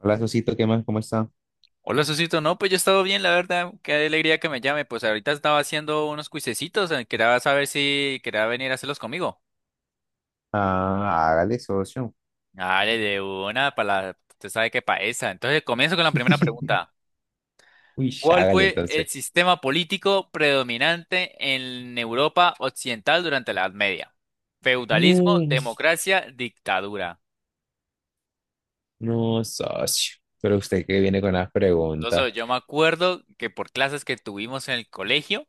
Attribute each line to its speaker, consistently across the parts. Speaker 1: Hola, Sosito, ¿qué más? ¿Cómo está?
Speaker 2: Hola, Susito. No, pues yo he estado bien, la verdad. Qué alegría que me llame. Pues ahorita estaba haciendo unos cuisecitos. Quería saber si quería venir a hacerlos conmigo.
Speaker 1: Ah, hágale, socio.
Speaker 2: Dale, de una, para la... Usted sabe qué pa' esa. Entonces, comienzo con la primera pregunta.
Speaker 1: Uy,
Speaker 2: ¿Cuál
Speaker 1: hágale
Speaker 2: fue el
Speaker 1: entonces.
Speaker 2: sistema político predominante en Europa Occidental durante la Edad Media? Feudalismo,
Speaker 1: No,
Speaker 2: democracia, dictadura.
Speaker 1: no, socio. Pero usted que viene con las preguntas.
Speaker 2: Entonces, yo me acuerdo que por clases que tuvimos en el colegio,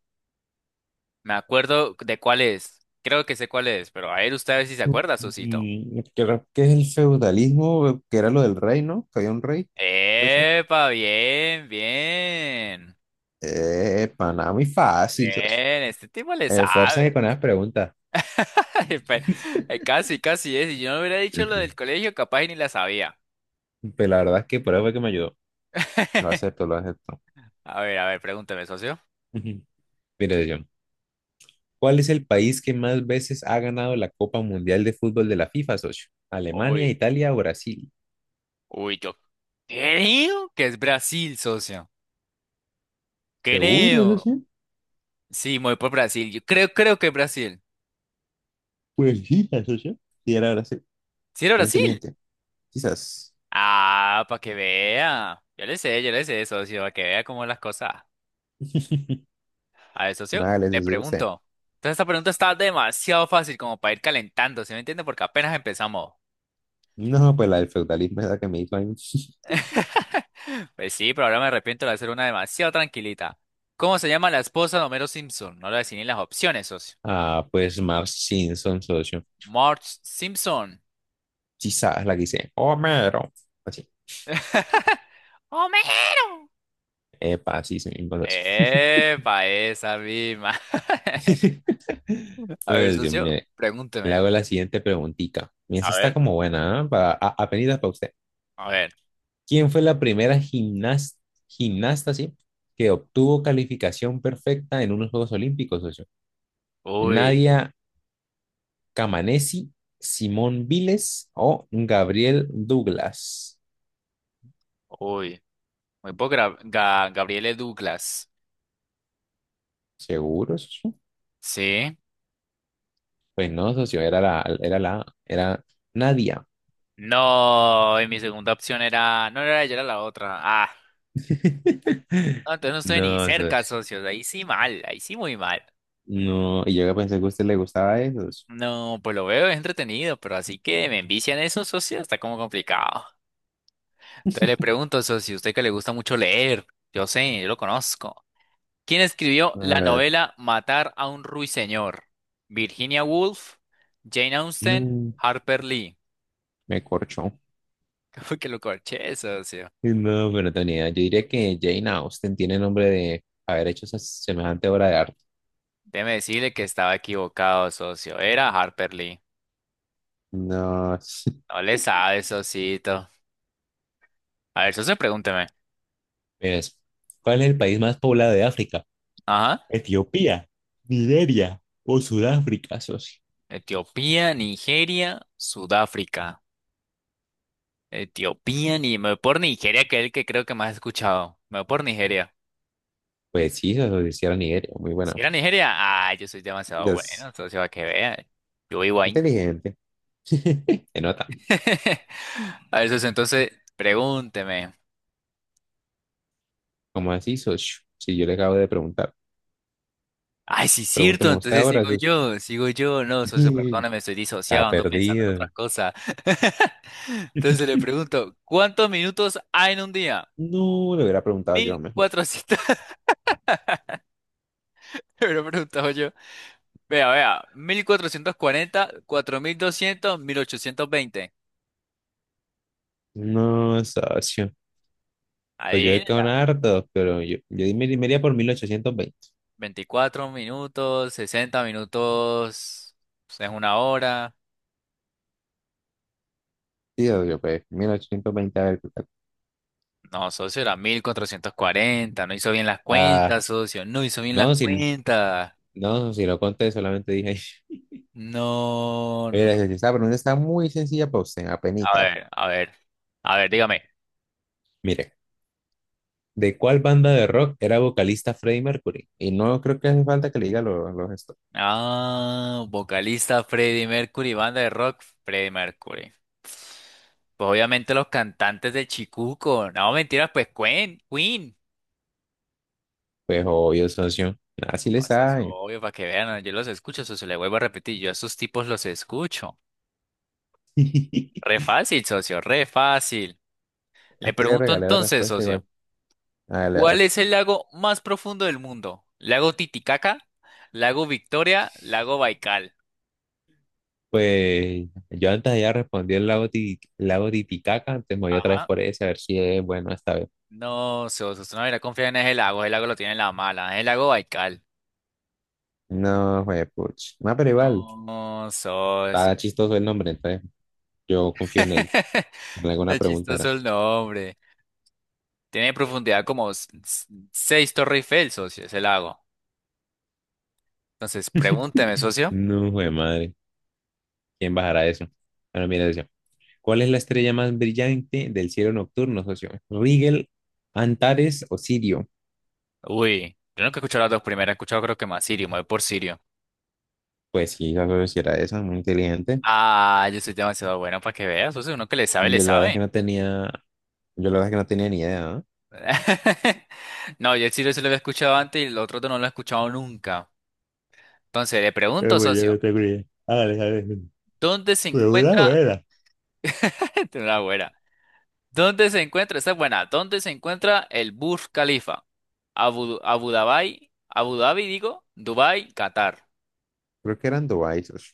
Speaker 2: me acuerdo de cuál es. Creo que sé cuál es, pero a ver, usted a ver si se acuerda, Susito.
Speaker 1: Creo que es el feudalismo, que era lo del rey, ¿no? Que había un rey, puede ser.
Speaker 2: Epa, bien, bien.
Speaker 1: Pana, muy fácil, socio.
Speaker 2: Bien, este tipo le
Speaker 1: Esfuércese
Speaker 2: sabe.
Speaker 1: con las preguntas.
Speaker 2: Ay, casi, casi es. Si yo no hubiera dicho lo
Speaker 1: Ujú.
Speaker 2: del colegio, capaz y ni la sabía.
Speaker 1: Pero la verdad es que por eso fue que me ayudó. Lo acepto, lo acepto.
Speaker 2: A ver, pregúntame, socio.
Speaker 1: Ujú. Mire, yo. ¿Cuál es el país que más veces ha ganado la Copa Mundial de Fútbol de la FIFA, socio? ¿Alemania,
Speaker 2: Uy,
Speaker 1: Italia o Brasil?
Speaker 2: uy, yo creo que es Brasil, socio.
Speaker 1: ¿Seguro,
Speaker 2: Creo.
Speaker 1: socio?
Speaker 2: Sí, me voy por Brasil. Yo creo que es Brasil.
Speaker 1: Pues sí, socio. Sí, era Brasil.
Speaker 2: ¿Sí era
Speaker 1: Muy
Speaker 2: Brasil?
Speaker 1: inteligente. Quizás.
Speaker 2: Ah, para que vea. Yo le sé, socio, para que vea cómo las cosas. A ver, socio,
Speaker 1: Vale, le
Speaker 2: le
Speaker 1: decía usted.
Speaker 2: pregunto. Entonces, esta pregunta está demasiado fácil como para ir calentando, ¿sí me entiende? Porque apenas empezamos.
Speaker 1: No, pues la del feudalismo es la que me hizo ahí.
Speaker 2: Pues sí, pero ahora me arrepiento de hacer una demasiado tranquilita. ¿Cómo se llama la esposa de Homero Simpson? No le voy a decir ni las opciones, socio.
Speaker 1: Ah, pues Marge Simpson, socio.
Speaker 2: Marge Simpson.
Speaker 1: Quizás la que dice Homero. Así.
Speaker 2: ¡Homero!
Speaker 1: Epa, sí, se me socio.
Speaker 2: Epa, esa misma. A ver,
Speaker 1: Pues, Dios
Speaker 2: socio,
Speaker 1: mío, le
Speaker 2: pregúnteme.
Speaker 1: hago la siguiente preguntita. Y esa
Speaker 2: A
Speaker 1: está
Speaker 2: ver.
Speaker 1: como buena, ¿ah? Para, apenitas para usted.
Speaker 2: A ver.
Speaker 1: ¿Quién fue la primera gimnasta, sí, que obtuvo calificación perfecta en unos Juegos Olímpicos, socio?
Speaker 2: Uy,
Speaker 1: ¿Nadia Camanesi, Simón Viles o Gabriel Douglas?
Speaker 2: uy. Muy poco Gabriele Douglas.
Speaker 1: ¿Seguro, socio?
Speaker 2: Sí.
Speaker 1: Pues no, socio, era Nadia.
Speaker 2: No, y mi segunda opción era. No, no era ella, era la otra. Ah, no, entonces no estoy ni
Speaker 1: No,
Speaker 2: cerca,
Speaker 1: socio.
Speaker 2: socios. Ahí sí mal, ahí sí muy mal.
Speaker 1: No, y yo que pensé que a usted le gustaba eso, socio.
Speaker 2: No, pues lo veo, es entretenido, pero así que me envician eso, socios, está como complicado. Entonces le pregunto, socio, usted que le gusta mucho leer, yo sé, yo lo conozco. ¿Quién escribió la
Speaker 1: Ah,
Speaker 2: novela Matar a un ruiseñor? ¿Virginia Woolf, Jane Austen,
Speaker 1: no,
Speaker 2: Harper Lee?
Speaker 1: me corchó.
Speaker 2: Como que lo corché, socio.
Speaker 1: No, pero Tony, yo diría que Jane Austen tiene nombre de haber hecho esa semejante obra de arte.
Speaker 2: Déjeme decirle que estaba equivocado, socio. Era Harper Lee.
Speaker 1: No,
Speaker 2: No le sabe, Sosito. A ver, Soso, pregúnteme.
Speaker 1: ves, ¿cuál es el país más poblado de África?
Speaker 2: Ajá.
Speaker 1: Etiopía, Nigeria o Sudáfrica, socio.
Speaker 2: Etiopía, Nigeria, Sudáfrica. Etiopía, ni me voy por Nigeria, que es el que creo que más he escuchado. Me voy por Nigeria.
Speaker 1: Pues sí, socio, sí era Nigeria, muy
Speaker 2: Si
Speaker 1: buena.
Speaker 2: era Nigeria, ah, yo soy demasiado
Speaker 1: Entonces,
Speaker 2: bueno, socio, a que vea. Yo vivo ahí.
Speaker 1: inteligente, se nota.
Speaker 2: A ver, socio, entonces, pregúnteme.
Speaker 1: ¿Cómo así, socio? Si yo le acabo de preguntar.
Speaker 2: Ay, sí, es cierto,
Speaker 1: Pregúnteme usted
Speaker 2: entonces
Speaker 1: ahora,
Speaker 2: sigo
Speaker 1: socio.
Speaker 2: yo, sigo yo. No, socio, perdóname, estoy
Speaker 1: Está
Speaker 2: disociado, ando pensando en
Speaker 1: perdido.
Speaker 2: otras cosas. Entonces le pregunto, ¿cuántos minutos hay en un día?
Speaker 1: No, le hubiera preguntado yo mejor.
Speaker 2: 1400, me lo preguntaba yo. Vea, vea, mil cuatrocientos cuarenta 4200 1820.
Speaker 1: No, socio. Pues yo he quedado en
Speaker 2: Adivínela,
Speaker 1: hartos, pero yo me iría por 1820.
Speaker 2: 24 minutos, 60 minutos, pues, es una hora.
Speaker 1: Sí, obvio, pues 1820, a ver qué tal.
Speaker 2: No, socio, era 1440, no hizo bien las
Speaker 1: Ah,
Speaker 2: cuentas, socio, no hizo bien las
Speaker 1: no, si,
Speaker 2: cuentas.
Speaker 1: no, si lo conté, solamente dije.
Speaker 2: No, no.
Speaker 1: Mira, esa pregunta está muy sencilla para usted,
Speaker 2: A
Speaker 1: apenita.
Speaker 2: ver, a ver, a ver, dígame.
Speaker 1: Mire, ¿de cuál banda de rock era vocalista Freddie Mercury? Y no creo que hace falta que le diga los esto.
Speaker 2: Ah, vocalista Freddie Mercury, banda de rock Freddie Mercury. Pues obviamente los cantantes de Chicuco. No, mentiras, pues Queen, Queen.
Speaker 1: Pues obvio, socio. Así le
Speaker 2: No, eso es
Speaker 1: sabe.
Speaker 2: obvio para que vean, yo los escucho, socio, le vuelvo a repetir, yo a esos tipos los escucho. Re fácil, socio, re fácil. Le
Speaker 1: Es que le
Speaker 2: pregunto
Speaker 1: regalé la
Speaker 2: entonces,
Speaker 1: respuesta igual.
Speaker 2: socio, ¿cuál
Speaker 1: Hágale,
Speaker 2: es el lago más profundo del mundo? ¿Lago Titicaca? ¿Lago Victoria? ¿Lago Baikal?
Speaker 1: pues yo antes ya respondí el lago, lago Titicaca, antes me voy otra vez
Speaker 2: Ajá.
Speaker 1: por ese a ver si es bueno esta vez.
Speaker 2: No, sos, usted no hubiera confiar en el lago lo tiene en la mala, el lago Baikal.
Speaker 1: No, fue puch. No, pero igual,
Speaker 2: No, socio.
Speaker 1: está chistoso el nombre, entonces yo confío en él. En alguna
Speaker 2: Está
Speaker 1: pregunta
Speaker 2: chistoso
Speaker 1: era.
Speaker 2: el nombre. Tiene profundidad como seis Torre Eiffel, socio, ese lago. Entonces, pregúnteme, socio.
Speaker 1: No, jue madre, ¿quién bajará eso? Bueno, mira, decía, ¿cuál es la estrella más brillante del cielo nocturno, socio? ¿Rigel, Antares o Sirio?
Speaker 2: Uy, yo nunca he escuchado las dos primeras, he escuchado creo que más Sirio, me voy por Sirio.
Speaker 1: Pues sí, la socio sí era esa, muy inteligente.
Speaker 2: Ah, yo soy demasiado bueno para que veas, socio, uno que le sabe, le
Speaker 1: Yo la verdad es que
Speaker 2: sabe.
Speaker 1: no tenía, yo la verdad es que no tenía ni idea, ¿no?
Speaker 2: No, yo el Sirio se lo había escuchado antes y el otro no lo he escuchado nunca. Entonces, le
Speaker 1: Pero
Speaker 2: pregunto,
Speaker 1: bueno, yo
Speaker 2: socio,
Speaker 1: no tengo ni idea. Hágale, hágale.
Speaker 2: ¿dónde se
Speaker 1: De una
Speaker 2: encuentra?
Speaker 1: buena.
Speaker 2: Esta es una buena. ¿Dónde se encuentra? Esta es buena. ¿Dónde se encuentra el Burj Khalifa? Dubai, Qatar.
Speaker 1: Creo que eran Dubai, socio.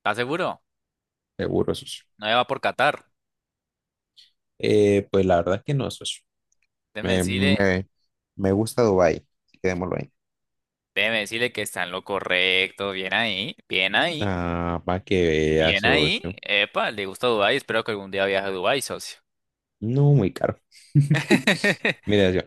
Speaker 2: ¿Estás seguro?
Speaker 1: Seguro, socio.
Speaker 2: No va por Qatar.
Speaker 1: Pues la verdad es que no, socio.
Speaker 2: Déjeme
Speaker 1: Me,
Speaker 2: decirle,
Speaker 1: me, me gusta Dubai. Quedémoslo ahí.
Speaker 2: déjeme decirle que está en lo correcto. Bien ahí, bien ahí,
Speaker 1: Ah, para que vea,
Speaker 2: bien ahí.
Speaker 1: socio.
Speaker 2: Epa, le gusta Dubai. Espero que algún día viaje a Dubai, socio.
Speaker 1: No, muy caro. Mira, yo.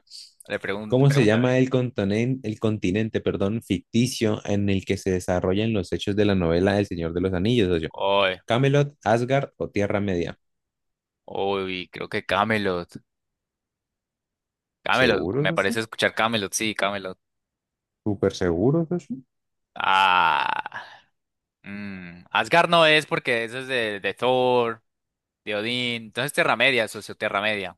Speaker 1: ¿Cómo se
Speaker 2: Pregúntame.
Speaker 1: llama el continente, perdón, ficticio en el que se desarrollan los hechos de la novela El Señor de los Anillos, socio?
Speaker 2: Uy,
Speaker 1: ¿Camelot, Asgard o Tierra Media?
Speaker 2: uy, creo que Camelot. Camelot,
Speaker 1: ¿Seguro,
Speaker 2: me
Speaker 1: socio?
Speaker 2: parece escuchar Camelot, sí, Camelot.
Speaker 1: ¿Súper seguro, socio?
Speaker 2: Ah. Mm, Asgard no es porque eso es de Thor, de Odín. Entonces Tierra Media, socio, Tierra Media.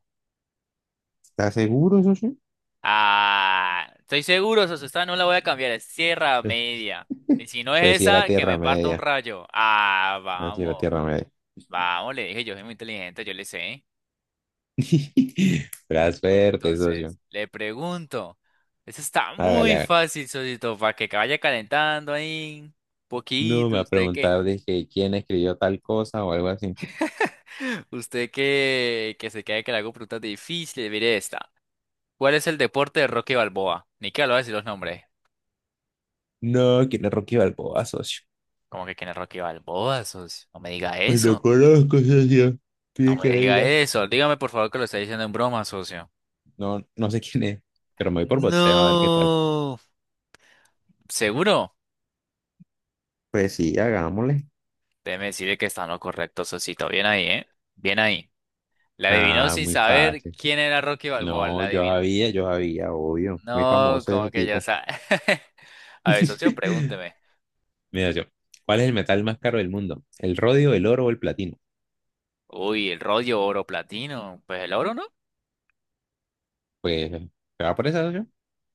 Speaker 1: ¿Estás seguro, socio?
Speaker 2: Ah, estoy seguro, socio, esta no la voy a cambiar, es Tierra Media. Y si no es
Speaker 1: Pues sí, era
Speaker 2: esa, que
Speaker 1: Tierra
Speaker 2: me parta un
Speaker 1: Media.
Speaker 2: rayo. Ah,
Speaker 1: Así
Speaker 2: vamos,
Speaker 1: la Tierra Media.
Speaker 2: vamos, le dije, yo soy muy inteligente, yo le sé.
Speaker 1: Pero
Speaker 2: Bueno,
Speaker 1: suerte,
Speaker 2: entonces,
Speaker 1: socio.
Speaker 2: le pregunto. Eso está
Speaker 1: Hágale,
Speaker 2: muy
Speaker 1: hágale.
Speaker 2: fácil, socio, para que vaya calentando ahí.
Speaker 1: No me
Speaker 2: Poquito,
Speaker 1: ha
Speaker 2: usted que,
Speaker 1: preguntado, dije, ¿quién escribió tal cosa o algo así?
Speaker 2: usted que se quede que le hago preguntas difíciles, mire esta. ¿Cuál es el deporte de Rocky Balboa? Ni que lo voy a decir los nombres.
Speaker 1: No, ¿quién es Rocky Balboa, socio?
Speaker 2: ¿Cómo que quién es Rocky Balboa, socio? No me diga
Speaker 1: Pues lo
Speaker 2: eso.
Speaker 1: conozco, socio.
Speaker 2: No
Speaker 1: Pide
Speaker 2: me
Speaker 1: que le
Speaker 2: diga
Speaker 1: diga.
Speaker 2: eso. Dígame por favor que lo está diciendo en broma, socio.
Speaker 1: No, no sé quién es, pero me voy por boxeo a ver qué tal.
Speaker 2: No. ¿Seguro?
Speaker 1: Pues sí, hagámosle.
Speaker 2: Déjeme decirle que está en lo correcto, socito. Bien ahí, ¿eh? Bien ahí. La adivinó
Speaker 1: Ah,
Speaker 2: sin
Speaker 1: muy
Speaker 2: saber
Speaker 1: fácil.
Speaker 2: quién era Rocky Balboa.
Speaker 1: No,
Speaker 2: La
Speaker 1: yo
Speaker 2: adivinó.
Speaker 1: sabía, yo sabía, obvio. Muy
Speaker 2: No,
Speaker 1: famoso
Speaker 2: como
Speaker 1: ese
Speaker 2: que ya
Speaker 1: tipo.
Speaker 2: sabe. A ver, socio, pregúnteme.
Speaker 1: Mira, yo. ¿Cuál es el metal más caro del mundo? ¿El rodio, el oro o el platino?
Speaker 2: Uy, el rollo oro platino. Pues el oro, ¿no?
Speaker 1: Pues, ¿se va por esa, socio?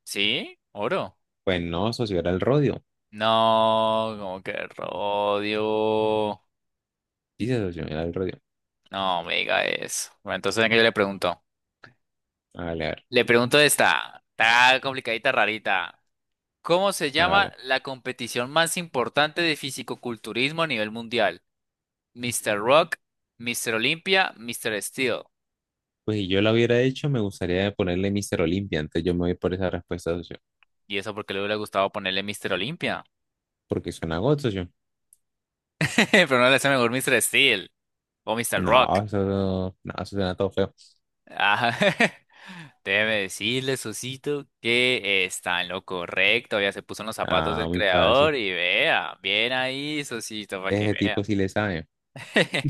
Speaker 2: Sí, oro.
Speaker 1: Pues no, socio, era el rodio.
Speaker 2: No, como que Rodio.
Speaker 1: Dice socio, era el rodio.
Speaker 2: No me diga eso. Bueno, entonces venga, yo le pregunto.
Speaker 1: Hágale, a ver,
Speaker 2: Le pregunto esta. Está complicadita, rarita. ¿Cómo se llama
Speaker 1: hágale.
Speaker 2: la competición más importante de fisicoculturismo a nivel mundial? Mister Rock, Mister Olympia, Mister Steel.
Speaker 1: Pues si yo lo hubiera hecho, me gustaría ponerle Mister Olimpia. Entonces yo me voy por esa respuesta, socio.
Speaker 2: Y eso porque le hubiera gustado ponerle Mister Olympia.
Speaker 1: Porque suena got, socio.
Speaker 2: Pero no le hace mejor Mister Steel o Mister Rock.
Speaker 1: No, eso, no, eso suena todo feo.
Speaker 2: Ah, déjeme decirle, Sosito, que está en lo correcto. Ya se puso en los zapatos
Speaker 1: Ah,
Speaker 2: del
Speaker 1: muy
Speaker 2: creador
Speaker 1: fácil.
Speaker 2: y vea, bien ahí, Sosito, para que
Speaker 1: Ese
Speaker 2: vea.
Speaker 1: tipo sí le sabe.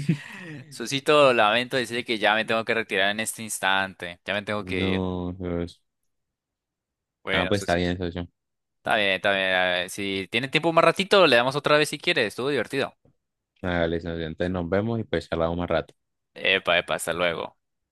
Speaker 2: Sosito, lamento decirle que ya me tengo que retirar en este instante. Ya me tengo que ir.
Speaker 1: No, socio. Ah,
Speaker 2: Bueno,
Speaker 1: pues está
Speaker 2: Sosito.
Speaker 1: bien, socio.
Speaker 2: Está bien, está bien. A ver, si tiene tiempo más ratito, le damos otra vez si quiere. Estuvo divertido.
Speaker 1: Hágale, socio. Entonces nos vemos y pues charlamos más rato.
Speaker 2: Epa, epa, hasta luego.